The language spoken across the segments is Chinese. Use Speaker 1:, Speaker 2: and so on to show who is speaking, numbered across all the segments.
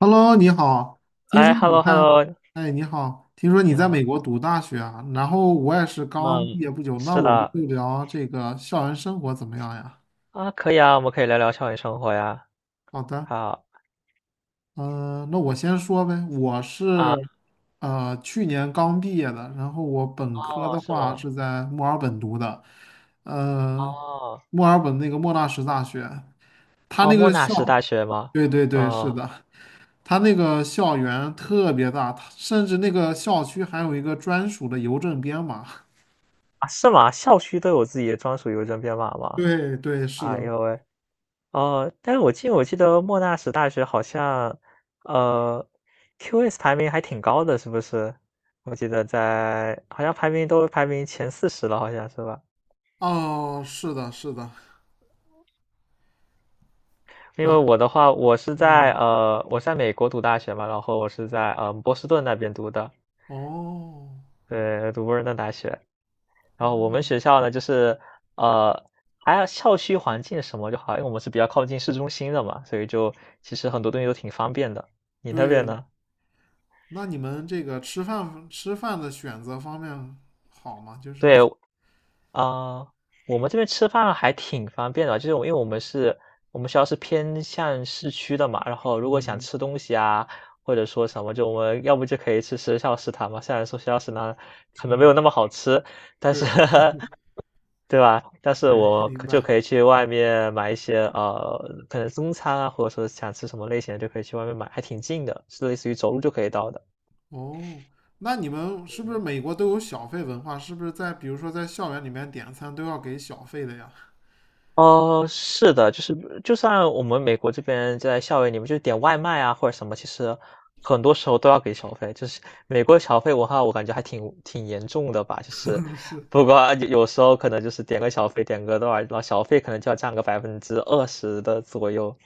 Speaker 1: Hello，你好，听说
Speaker 2: 哎
Speaker 1: 你
Speaker 2: ，hello
Speaker 1: 在，
Speaker 2: hello，
Speaker 1: 哎，你好，听说你
Speaker 2: 你
Speaker 1: 在
Speaker 2: 好，
Speaker 1: 美国读大学啊，然后我也是刚毕
Speaker 2: 嗯，
Speaker 1: 业不久，那
Speaker 2: 是
Speaker 1: 我们
Speaker 2: 的，
Speaker 1: 就聊这个校园生活怎么样呀？
Speaker 2: 啊，可以啊，我们可以聊聊校园生活呀。
Speaker 1: 好的，
Speaker 2: 好
Speaker 1: 嗯、那我先说呗，我是
Speaker 2: 啊，
Speaker 1: 去年刚毕业的，然后我本科
Speaker 2: 哦，
Speaker 1: 的
Speaker 2: 是
Speaker 1: 话
Speaker 2: 吗？
Speaker 1: 是在墨尔本读的，呃，
Speaker 2: 哦，
Speaker 1: 墨尔本那个莫纳什大学，他
Speaker 2: 哦，
Speaker 1: 那
Speaker 2: 莫
Speaker 1: 个
Speaker 2: 纳什大
Speaker 1: 校，
Speaker 2: 学吗？
Speaker 1: 对对对，是
Speaker 2: 哦，
Speaker 1: 的，他那个校园特别大，它甚至那个校区还有一个专属的邮政编码。
Speaker 2: 啊，是吗？校区都有自己的专属邮政编码吗？
Speaker 1: 对对，是
Speaker 2: 哎
Speaker 1: 的，
Speaker 2: 呦喂，哦，但是我记得莫纳什大学好像，呃，QS 排名还挺高的，是不是？我记得在好像排名都排名前40了，好像是吧？
Speaker 1: 哦，是的，是的，
Speaker 2: 因
Speaker 1: 然
Speaker 2: 为
Speaker 1: 后，
Speaker 2: 我的话，
Speaker 1: 嗯，
Speaker 2: 我在美国读大学嘛，然后我是在波士顿那边读的，
Speaker 1: 哦，
Speaker 2: 对，读波士顿大学。然后我们学校呢，就是呃，还有校区环境什么就好，因为我们是比较靠近市中心的嘛，所以就其实很多东西都挺方便的。你那边
Speaker 1: 对，
Speaker 2: 呢？
Speaker 1: 那你们这个吃饭的选择方面好吗？就是，
Speaker 2: 对，啊、我们这边吃饭还挺方便的，就是我因为我们是，我们学校是偏向市区的嘛，然后如果想
Speaker 1: 嗯
Speaker 2: 吃东西啊，或者说什么，就我们要不就可以吃学校食堂嘛。虽然说学校食堂可能没
Speaker 1: 嗯，
Speaker 2: 有那么好吃，但是
Speaker 1: 对
Speaker 2: 对吧？但是
Speaker 1: 对，
Speaker 2: 我
Speaker 1: 明
Speaker 2: 可就
Speaker 1: 白。
Speaker 2: 可以去外面买一些可能中餐啊，或者说想吃什么类型的就可以去外面买，还挺近的，是类似于走路就可以到的。
Speaker 1: 哦，那你们是不是美国都有小费文化？是不是在比如说在校园里面点餐都要给小费的呀？
Speaker 2: 哦，是的，就是就算我们美国这边在校园里面就点外卖啊或者什么，其实很多时候都要给小费。就是美国小费文化，我感觉还挺严重的吧。就是
Speaker 1: 是，
Speaker 2: 不过有时候可能就是点个小费，点个多少，然后小费可能就要占个20%的左右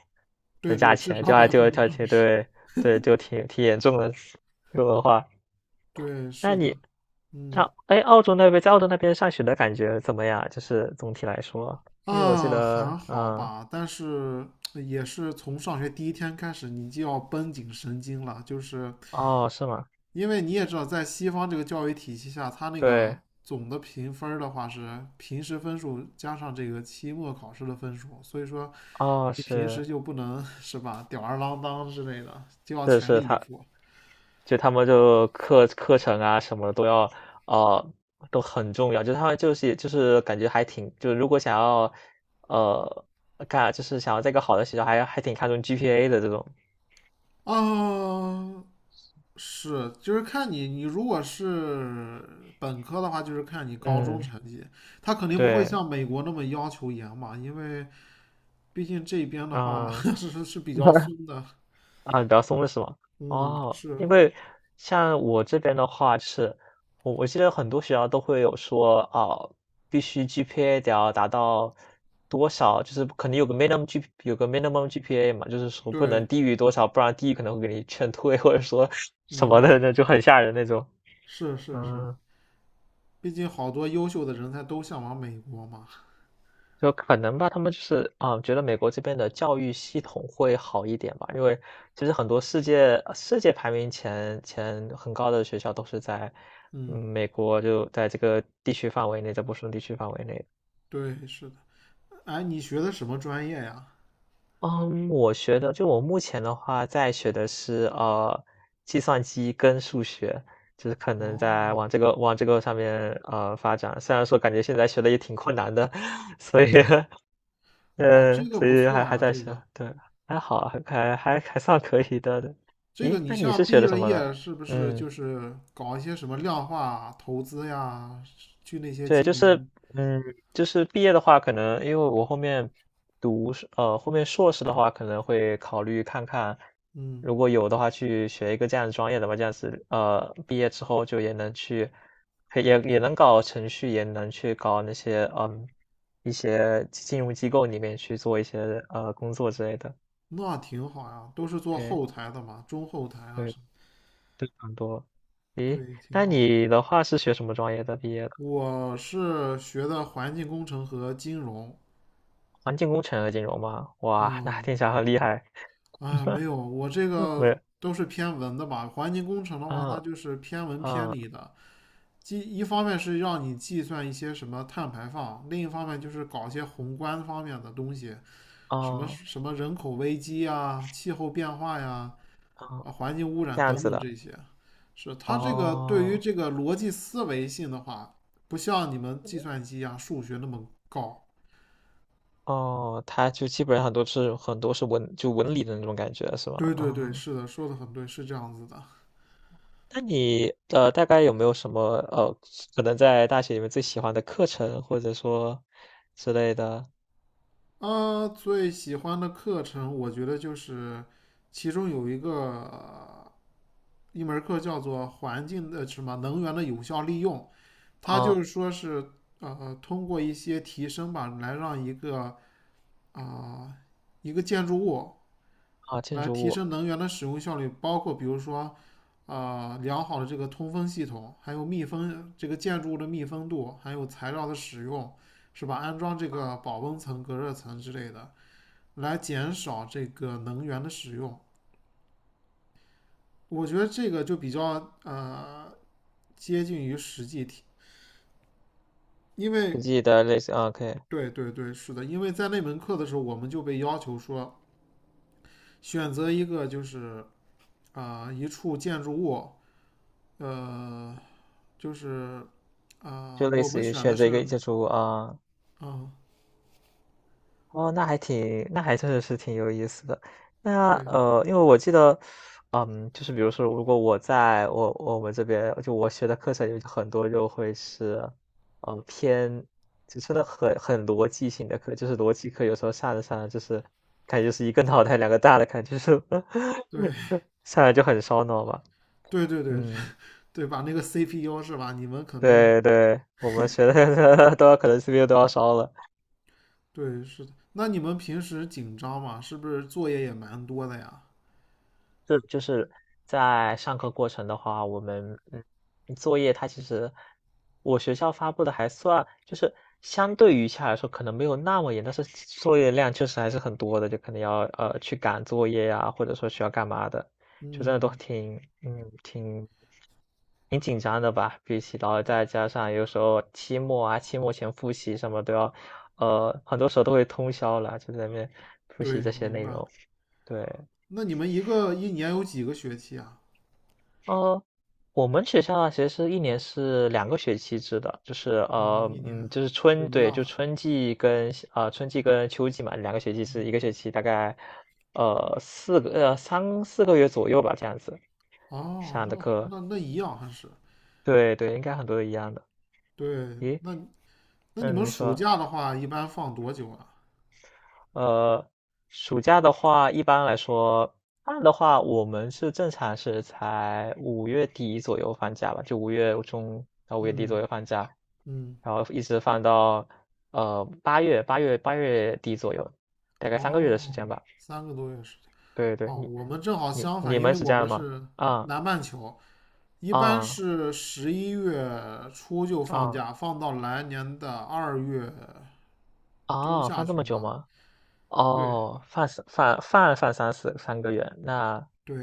Speaker 2: 的
Speaker 1: 对
Speaker 2: 价
Speaker 1: 对，至
Speaker 2: 钱，
Speaker 1: 少
Speaker 2: 就还
Speaker 1: 百
Speaker 2: 就还
Speaker 1: 分之二
Speaker 2: 挺
Speaker 1: 十。
Speaker 2: 对对，就挺严重的这个文化。
Speaker 1: 对，
Speaker 2: 那
Speaker 1: 是
Speaker 2: 你，
Speaker 1: 的，嗯
Speaker 2: 那哎，澳洲那边在澳洲那边上学的感觉怎么样？就是总体来说，因为我记
Speaker 1: 啊，
Speaker 2: 得，
Speaker 1: 还好
Speaker 2: 嗯，
Speaker 1: 吧，但是也是从上学第一天开始，你就要绷紧神经了，就是
Speaker 2: 哦，是吗？
Speaker 1: 因为你也知道，在西方这个教育体系下，它那个
Speaker 2: 对，
Speaker 1: 总的评分儿的话是平时分数加上这个期末考试的分数，所以说
Speaker 2: 哦，
Speaker 1: 你平
Speaker 2: 是，
Speaker 1: 时就不能是吧，吊儿郎当之类的，就要
Speaker 2: 是
Speaker 1: 全
Speaker 2: 是，
Speaker 1: 力以
Speaker 2: 他
Speaker 1: 赴
Speaker 2: 就他们就课程啊什么都要，呃，都很重要。就他们就是感觉还挺，就如果想要，呃，干就是想要在一个好的学校还挺看重 GPA 的这种。
Speaker 1: 啊。是，就是看你，你如果是本科的话，就是看你高中
Speaker 2: 嗯，
Speaker 1: 成绩，他肯定不会
Speaker 2: 对，
Speaker 1: 像美国那么要求严嘛，因为毕竟这边的话
Speaker 2: 啊、
Speaker 1: 是比较松 的。
Speaker 2: 啊，比较松的是吗？
Speaker 1: 嗯，
Speaker 2: 哦，
Speaker 1: 是，
Speaker 2: 因为像我这边的话是，我记得很多学校都会有说啊，必须 GPA 得要达到多少，就是肯定有个 有个 minimum GPA 嘛，就是说不
Speaker 1: 对，
Speaker 2: 能低于多少，不然低于可能会给你劝退，或者说什
Speaker 1: 明
Speaker 2: 么
Speaker 1: 白，
Speaker 2: 的，那就很吓人那种。
Speaker 1: 是是是，
Speaker 2: 嗯
Speaker 1: 毕竟好多优秀的人才都向往美国嘛。
Speaker 2: 就可能吧，他们就是啊，觉得美国这边的教育系统会好一点吧，因为其实很多世界排名前很高的学校都是在
Speaker 1: 嗯，
Speaker 2: 美国，就在这个地区范围内，在波士顿地区范围内。
Speaker 1: 对，是的。哎，你学的什么专业呀？
Speaker 2: 嗯，我学的就我目前的话，在学的是计算机跟数学，就是可能在
Speaker 1: 哦，
Speaker 2: 往这个上面发展。虽然说感觉现在学的也挺困难的，所以
Speaker 1: 哇，这个
Speaker 2: 所
Speaker 1: 不
Speaker 2: 以
Speaker 1: 错
Speaker 2: 还
Speaker 1: 呀，
Speaker 2: 在
Speaker 1: 这
Speaker 2: 学，
Speaker 1: 个
Speaker 2: 对，还好，还算可以的。对
Speaker 1: 这个，
Speaker 2: 咦，
Speaker 1: 你
Speaker 2: 那你是
Speaker 1: 像
Speaker 2: 学
Speaker 1: 毕
Speaker 2: 的什
Speaker 1: 了
Speaker 2: 么的？
Speaker 1: 业是不是
Speaker 2: 嗯，
Speaker 1: 就是搞一些什么量化投资呀，去那些
Speaker 2: 对，
Speaker 1: 金
Speaker 2: 就是，
Speaker 1: 融，
Speaker 2: 嗯，就是毕业的话，可能因为我后面后面硕士的话，可能会考虑看看，
Speaker 1: 嗯，
Speaker 2: 如果有的话，去学一个这样的专业的吧，这样子，毕业之后就也能去，可以也能搞程序，也能去搞那些，一些金融机构里面去做一些工作之类的。
Speaker 1: 那挺好呀，都是做
Speaker 2: 对。
Speaker 1: 后台的嘛，中后台啊
Speaker 2: 对
Speaker 1: 什么，
Speaker 2: 非常多。诶，
Speaker 1: 对，挺
Speaker 2: 那
Speaker 1: 好。
Speaker 2: 你的话是学什么专业的毕业的？
Speaker 1: 我是学的环境工程和金融，
Speaker 2: 环境工程和金融吗？哇，那
Speaker 1: 嗯，
Speaker 2: 听起来很厉害。
Speaker 1: 哎，没 有，我这
Speaker 2: 没
Speaker 1: 个
Speaker 2: 有，
Speaker 1: 都是偏文的吧，环境工程的话，
Speaker 2: 嗯
Speaker 1: 它就是偏文偏
Speaker 2: 嗯
Speaker 1: 理的，计一方面是让你计算一些什么碳排放，另一方面就是搞一些宏观方面的东西，什么
Speaker 2: 哦
Speaker 1: 什么人口危机啊、气候变化呀、
Speaker 2: 哦，
Speaker 1: 啊环境污
Speaker 2: 这
Speaker 1: 染
Speaker 2: 样
Speaker 1: 等
Speaker 2: 子
Speaker 1: 等
Speaker 2: 的。
Speaker 1: 这些。是它这个对于
Speaker 2: 哦
Speaker 1: 这个逻辑思维性的话，不像你们计算机啊、数学那么高。
Speaker 2: 哦，他就基本上都是很多是文就文理的那种感觉是吗？
Speaker 1: 对对对，
Speaker 2: 啊、
Speaker 1: 是的，说的很对，是这样子的。
Speaker 2: 那你大概有没有什么可能在大学里面最喜欢的课程或者说之类的？
Speaker 1: 啊，最喜欢的课程，我觉得就是其中有一个。一门课叫做环境的什么能源的有效利用，它就
Speaker 2: 啊
Speaker 1: 是说是通过一些提升吧，来让一个啊、呃一个建筑物
Speaker 2: 啊，建
Speaker 1: 来
Speaker 2: 筑
Speaker 1: 提
Speaker 2: 物，
Speaker 1: 升能源的使用效率，包括比如说良好的这个通风系统，还有密封这个建筑物的密封度，还有材料的使用，是吧？安装这个保温层、隔热层之类的，来减少这个能源的使用。我觉得这个就比较接近于实际题，因为
Speaker 2: 自记的类似啊，可以。
Speaker 1: 对对对，是的，因为在那门课的时候，我们就被要求说选择一个就是一处建筑物，呃，就是
Speaker 2: 就类
Speaker 1: 我们
Speaker 2: 似于
Speaker 1: 选的
Speaker 2: 选择
Speaker 1: 是
Speaker 2: 一个建筑物啊，
Speaker 1: 啊、
Speaker 2: 哦，那还挺，那还真的是挺有意思的。那
Speaker 1: 对
Speaker 2: 因为我记得，嗯，就是比如说，如果我在我我们这边，就我学的课程有很多就会是，偏就真的很逻辑性的课，就是逻辑课，有时候上着上着就是感觉就是一个脑袋两个大的感觉，就是
Speaker 1: 对
Speaker 2: 上来就很烧脑嘛。
Speaker 1: 对对对
Speaker 2: 嗯，
Speaker 1: 对吧？那个 CPU 是吧？你们肯定
Speaker 2: 对对，我们学的 都要可能 CPU 都要烧了。
Speaker 1: 对是的。那你们平时紧张吗？是不是作业也蛮多的呀？
Speaker 2: 是就是在上课过程的话，我们作业它其实我学校发布的还算，就是相对于下来说可能没有那么严，但是作业量确实还是很多的，就可能要去赶作业呀、或者说需要干嘛的，就真的都
Speaker 1: 嗯，
Speaker 2: 挺嗯挺挺紧张的吧。比起然后再加上有时候期末啊，期末前复习什么都要，很多时候都会通宵了，就在那边复习
Speaker 1: 对，
Speaker 2: 这些
Speaker 1: 明
Speaker 2: 内
Speaker 1: 白。
Speaker 2: 容，对。
Speaker 1: 那你们一个一年有几个学期啊？
Speaker 2: 呃，我们学校啊，其实是一年是两个学期制的，就是
Speaker 1: 哦，一年，
Speaker 2: 就是
Speaker 1: 对，
Speaker 2: 春，
Speaker 1: 一
Speaker 2: 对，
Speaker 1: 样
Speaker 2: 就
Speaker 1: 的，
Speaker 2: 春季跟春季跟秋季嘛，两个学期是一个
Speaker 1: 嗯，
Speaker 2: 学期，大概呃四个呃3、4个月左右吧，这样子
Speaker 1: 哦，
Speaker 2: 上的
Speaker 1: 那
Speaker 2: 课，
Speaker 1: 那那一样还是
Speaker 2: 对对，应该很多都一样的。
Speaker 1: 对，
Speaker 2: 咦，
Speaker 1: 那你
Speaker 2: 嗯，
Speaker 1: 们
Speaker 2: 你
Speaker 1: 暑
Speaker 2: 说。
Speaker 1: 假的话，一般放多久啊？
Speaker 2: 呃，暑假的话，一般来说，放的话，我们是正常是才五月底左右放假吧，就5月中到五月底
Speaker 1: 嗯
Speaker 2: 左右放假，
Speaker 1: 嗯，
Speaker 2: 然后一直放到8月底左右，大概三个月的时间
Speaker 1: 哦，
Speaker 2: 吧。
Speaker 1: 三个多月时间。
Speaker 2: 对对，
Speaker 1: 哦，
Speaker 2: 你
Speaker 1: 我们正好
Speaker 2: 你
Speaker 1: 相反，
Speaker 2: 你
Speaker 1: 因
Speaker 2: 们
Speaker 1: 为
Speaker 2: 是
Speaker 1: 我
Speaker 2: 这样
Speaker 1: 们
Speaker 2: 吗？
Speaker 1: 是
Speaker 2: 啊
Speaker 1: 南半球，一般
Speaker 2: 啊
Speaker 1: 是十一月初就放
Speaker 2: 啊
Speaker 1: 假，放到来年的二月中
Speaker 2: 啊！
Speaker 1: 下
Speaker 2: 放这么
Speaker 1: 旬
Speaker 2: 久
Speaker 1: 吧。
Speaker 2: 吗？
Speaker 1: 对
Speaker 2: 哦，放三放放放三四三个月，那
Speaker 1: 对，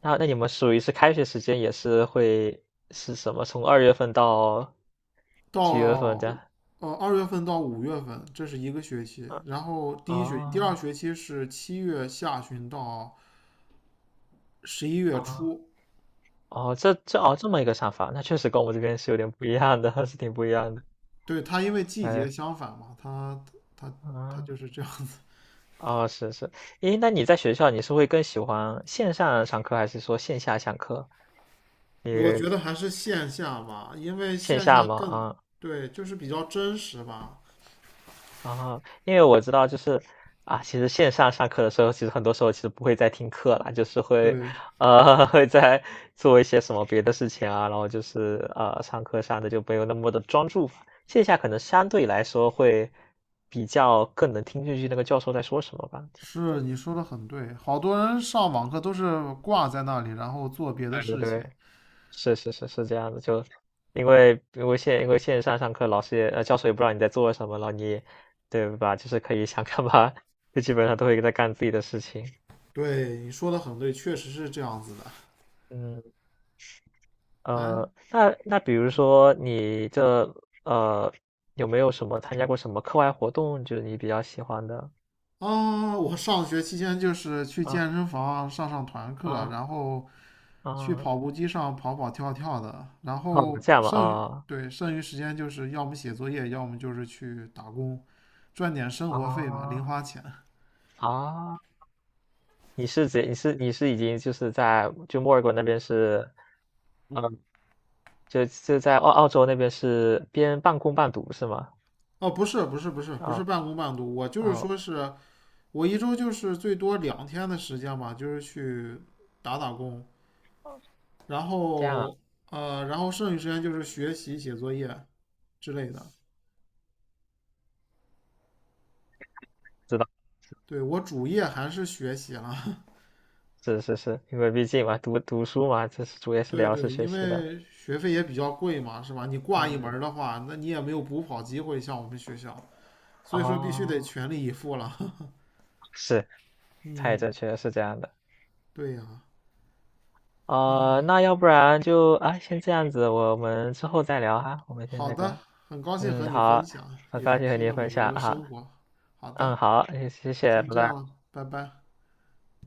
Speaker 2: 那那你们属于是开学时间也是会是什么？从2月份到几月份
Speaker 1: 到
Speaker 2: 的？样？
Speaker 1: 二月份到五月份，这是一个学期。
Speaker 2: 啊
Speaker 1: 然后第一学期、第二
Speaker 2: 哦
Speaker 1: 学期是七月下旬到十一月
Speaker 2: 哦
Speaker 1: 初。
Speaker 2: 哦，这么一个想法，那确实跟我们这边是有点不一样的，是挺不一样的。
Speaker 1: 对，它因为季节
Speaker 2: 哎，
Speaker 1: 相反嘛，它它
Speaker 2: 啊
Speaker 1: 就是这样子。
Speaker 2: 哦是是，诶，那你在学校你是会更喜欢线上上课还是说线下上课？你
Speaker 1: 我觉得还是线下吧，因为
Speaker 2: 线
Speaker 1: 线
Speaker 2: 下
Speaker 1: 下
Speaker 2: 吗？
Speaker 1: 更，
Speaker 2: 啊
Speaker 1: 对，就是比较真实吧。
Speaker 2: 啊，因为我知道，就是啊，其实线上上课的时候，其实很多时候其实不会再听课了，就是会，
Speaker 1: 对，
Speaker 2: 会在做一些什么别的事情啊，然后就是上课上的就没有那么的专注，线下可能相对来说会比较更能听进去那个教授在说什么吧，这样
Speaker 1: 是
Speaker 2: 子。
Speaker 1: 你说的很对，好多人上网课都是挂在那里，然后做别的
Speaker 2: 对对
Speaker 1: 事情。
Speaker 2: 对，是是是是这样的，就因为线上上课，老师也教授也不知道你在做什么，然后你对吧，就是可以想干嘛，就基本上都会在干自己的事情。
Speaker 1: 对，你说的很对，确实是这样子的。
Speaker 2: 嗯，
Speaker 1: 哎，
Speaker 2: 那比如说你这呃有没有什么参加过什么课外活动，就是你比较喜欢的
Speaker 1: 啊，我上学期间就是去
Speaker 2: 啊
Speaker 1: 健身房上团课，
Speaker 2: 啊
Speaker 1: 然后去
Speaker 2: 啊
Speaker 1: 跑步机上跑跑跳跳的，然
Speaker 2: 哦，
Speaker 1: 后
Speaker 2: 这样吧
Speaker 1: 剩余，
Speaker 2: 啊
Speaker 1: 对，剩余时间就是要么写作业，要么就是去打工，赚点生活费嘛，零
Speaker 2: 啊
Speaker 1: 花钱。
Speaker 2: 啊，你是已经就是在就墨尔本那边是嗯，呃就在澳洲那边是边半工半读是吗？
Speaker 1: 哦，不是，不是，不是，不是
Speaker 2: 啊
Speaker 1: 半工半读，我就是
Speaker 2: 啊，
Speaker 1: 说是我一周就是最多两天的时间吧，就是去打打工，然
Speaker 2: 这样啊，
Speaker 1: 后然后剩余时间就是学习、写作业之类的。
Speaker 2: 知道
Speaker 1: 对，我主业还是学习了。
Speaker 2: 是是是，因为毕竟嘛读书嘛，这是主要是
Speaker 1: 对
Speaker 2: 聊是
Speaker 1: 对，
Speaker 2: 学
Speaker 1: 因
Speaker 2: 习的，
Speaker 1: 为学费也比较贵嘛，是吧？你挂一门儿
Speaker 2: 嗯
Speaker 1: 的话，那你也没有补考机会，像我们学校，所以说必须得
Speaker 2: 哦。
Speaker 1: 全力以赴了。
Speaker 2: 是，太正
Speaker 1: 嗯，
Speaker 2: 确实是这样的。
Speaker 1: 对呀，
Speaker 2: 啊，那要不然就啊，先这样子，我们之后再聊哈。我们先
Speaker 1: 好
Speaker 2: 那
Speaker 1: 的，
Speaker 2: 个，
Speaker 1: 很高兴和
Speaker 2: 嗯，
Speaker 1: 你分
Speaker 2: 好，
Speaker 1: 享，
Speaker 2: 很
Speaker 1: 也
Speaker 2: 高兴和
Speaker 1: 听
Speaker 2: 你
Speaker 1: 了
Speaker 2: 分
Speaker 1: 美国
Speaker 2: 享
Speaker 1: 的
Speaker 2: 哈。
Speaker 1: 生活。好
Speaker 2: 嗯，
Speaker 1: 的，
Speaker 2: 好，谢谢，
Speaker 1: 先
Speaker 2: 拜
Speaker 1: 这样
Speaker 2: 拜。
Speaker 1: 了，拜拜。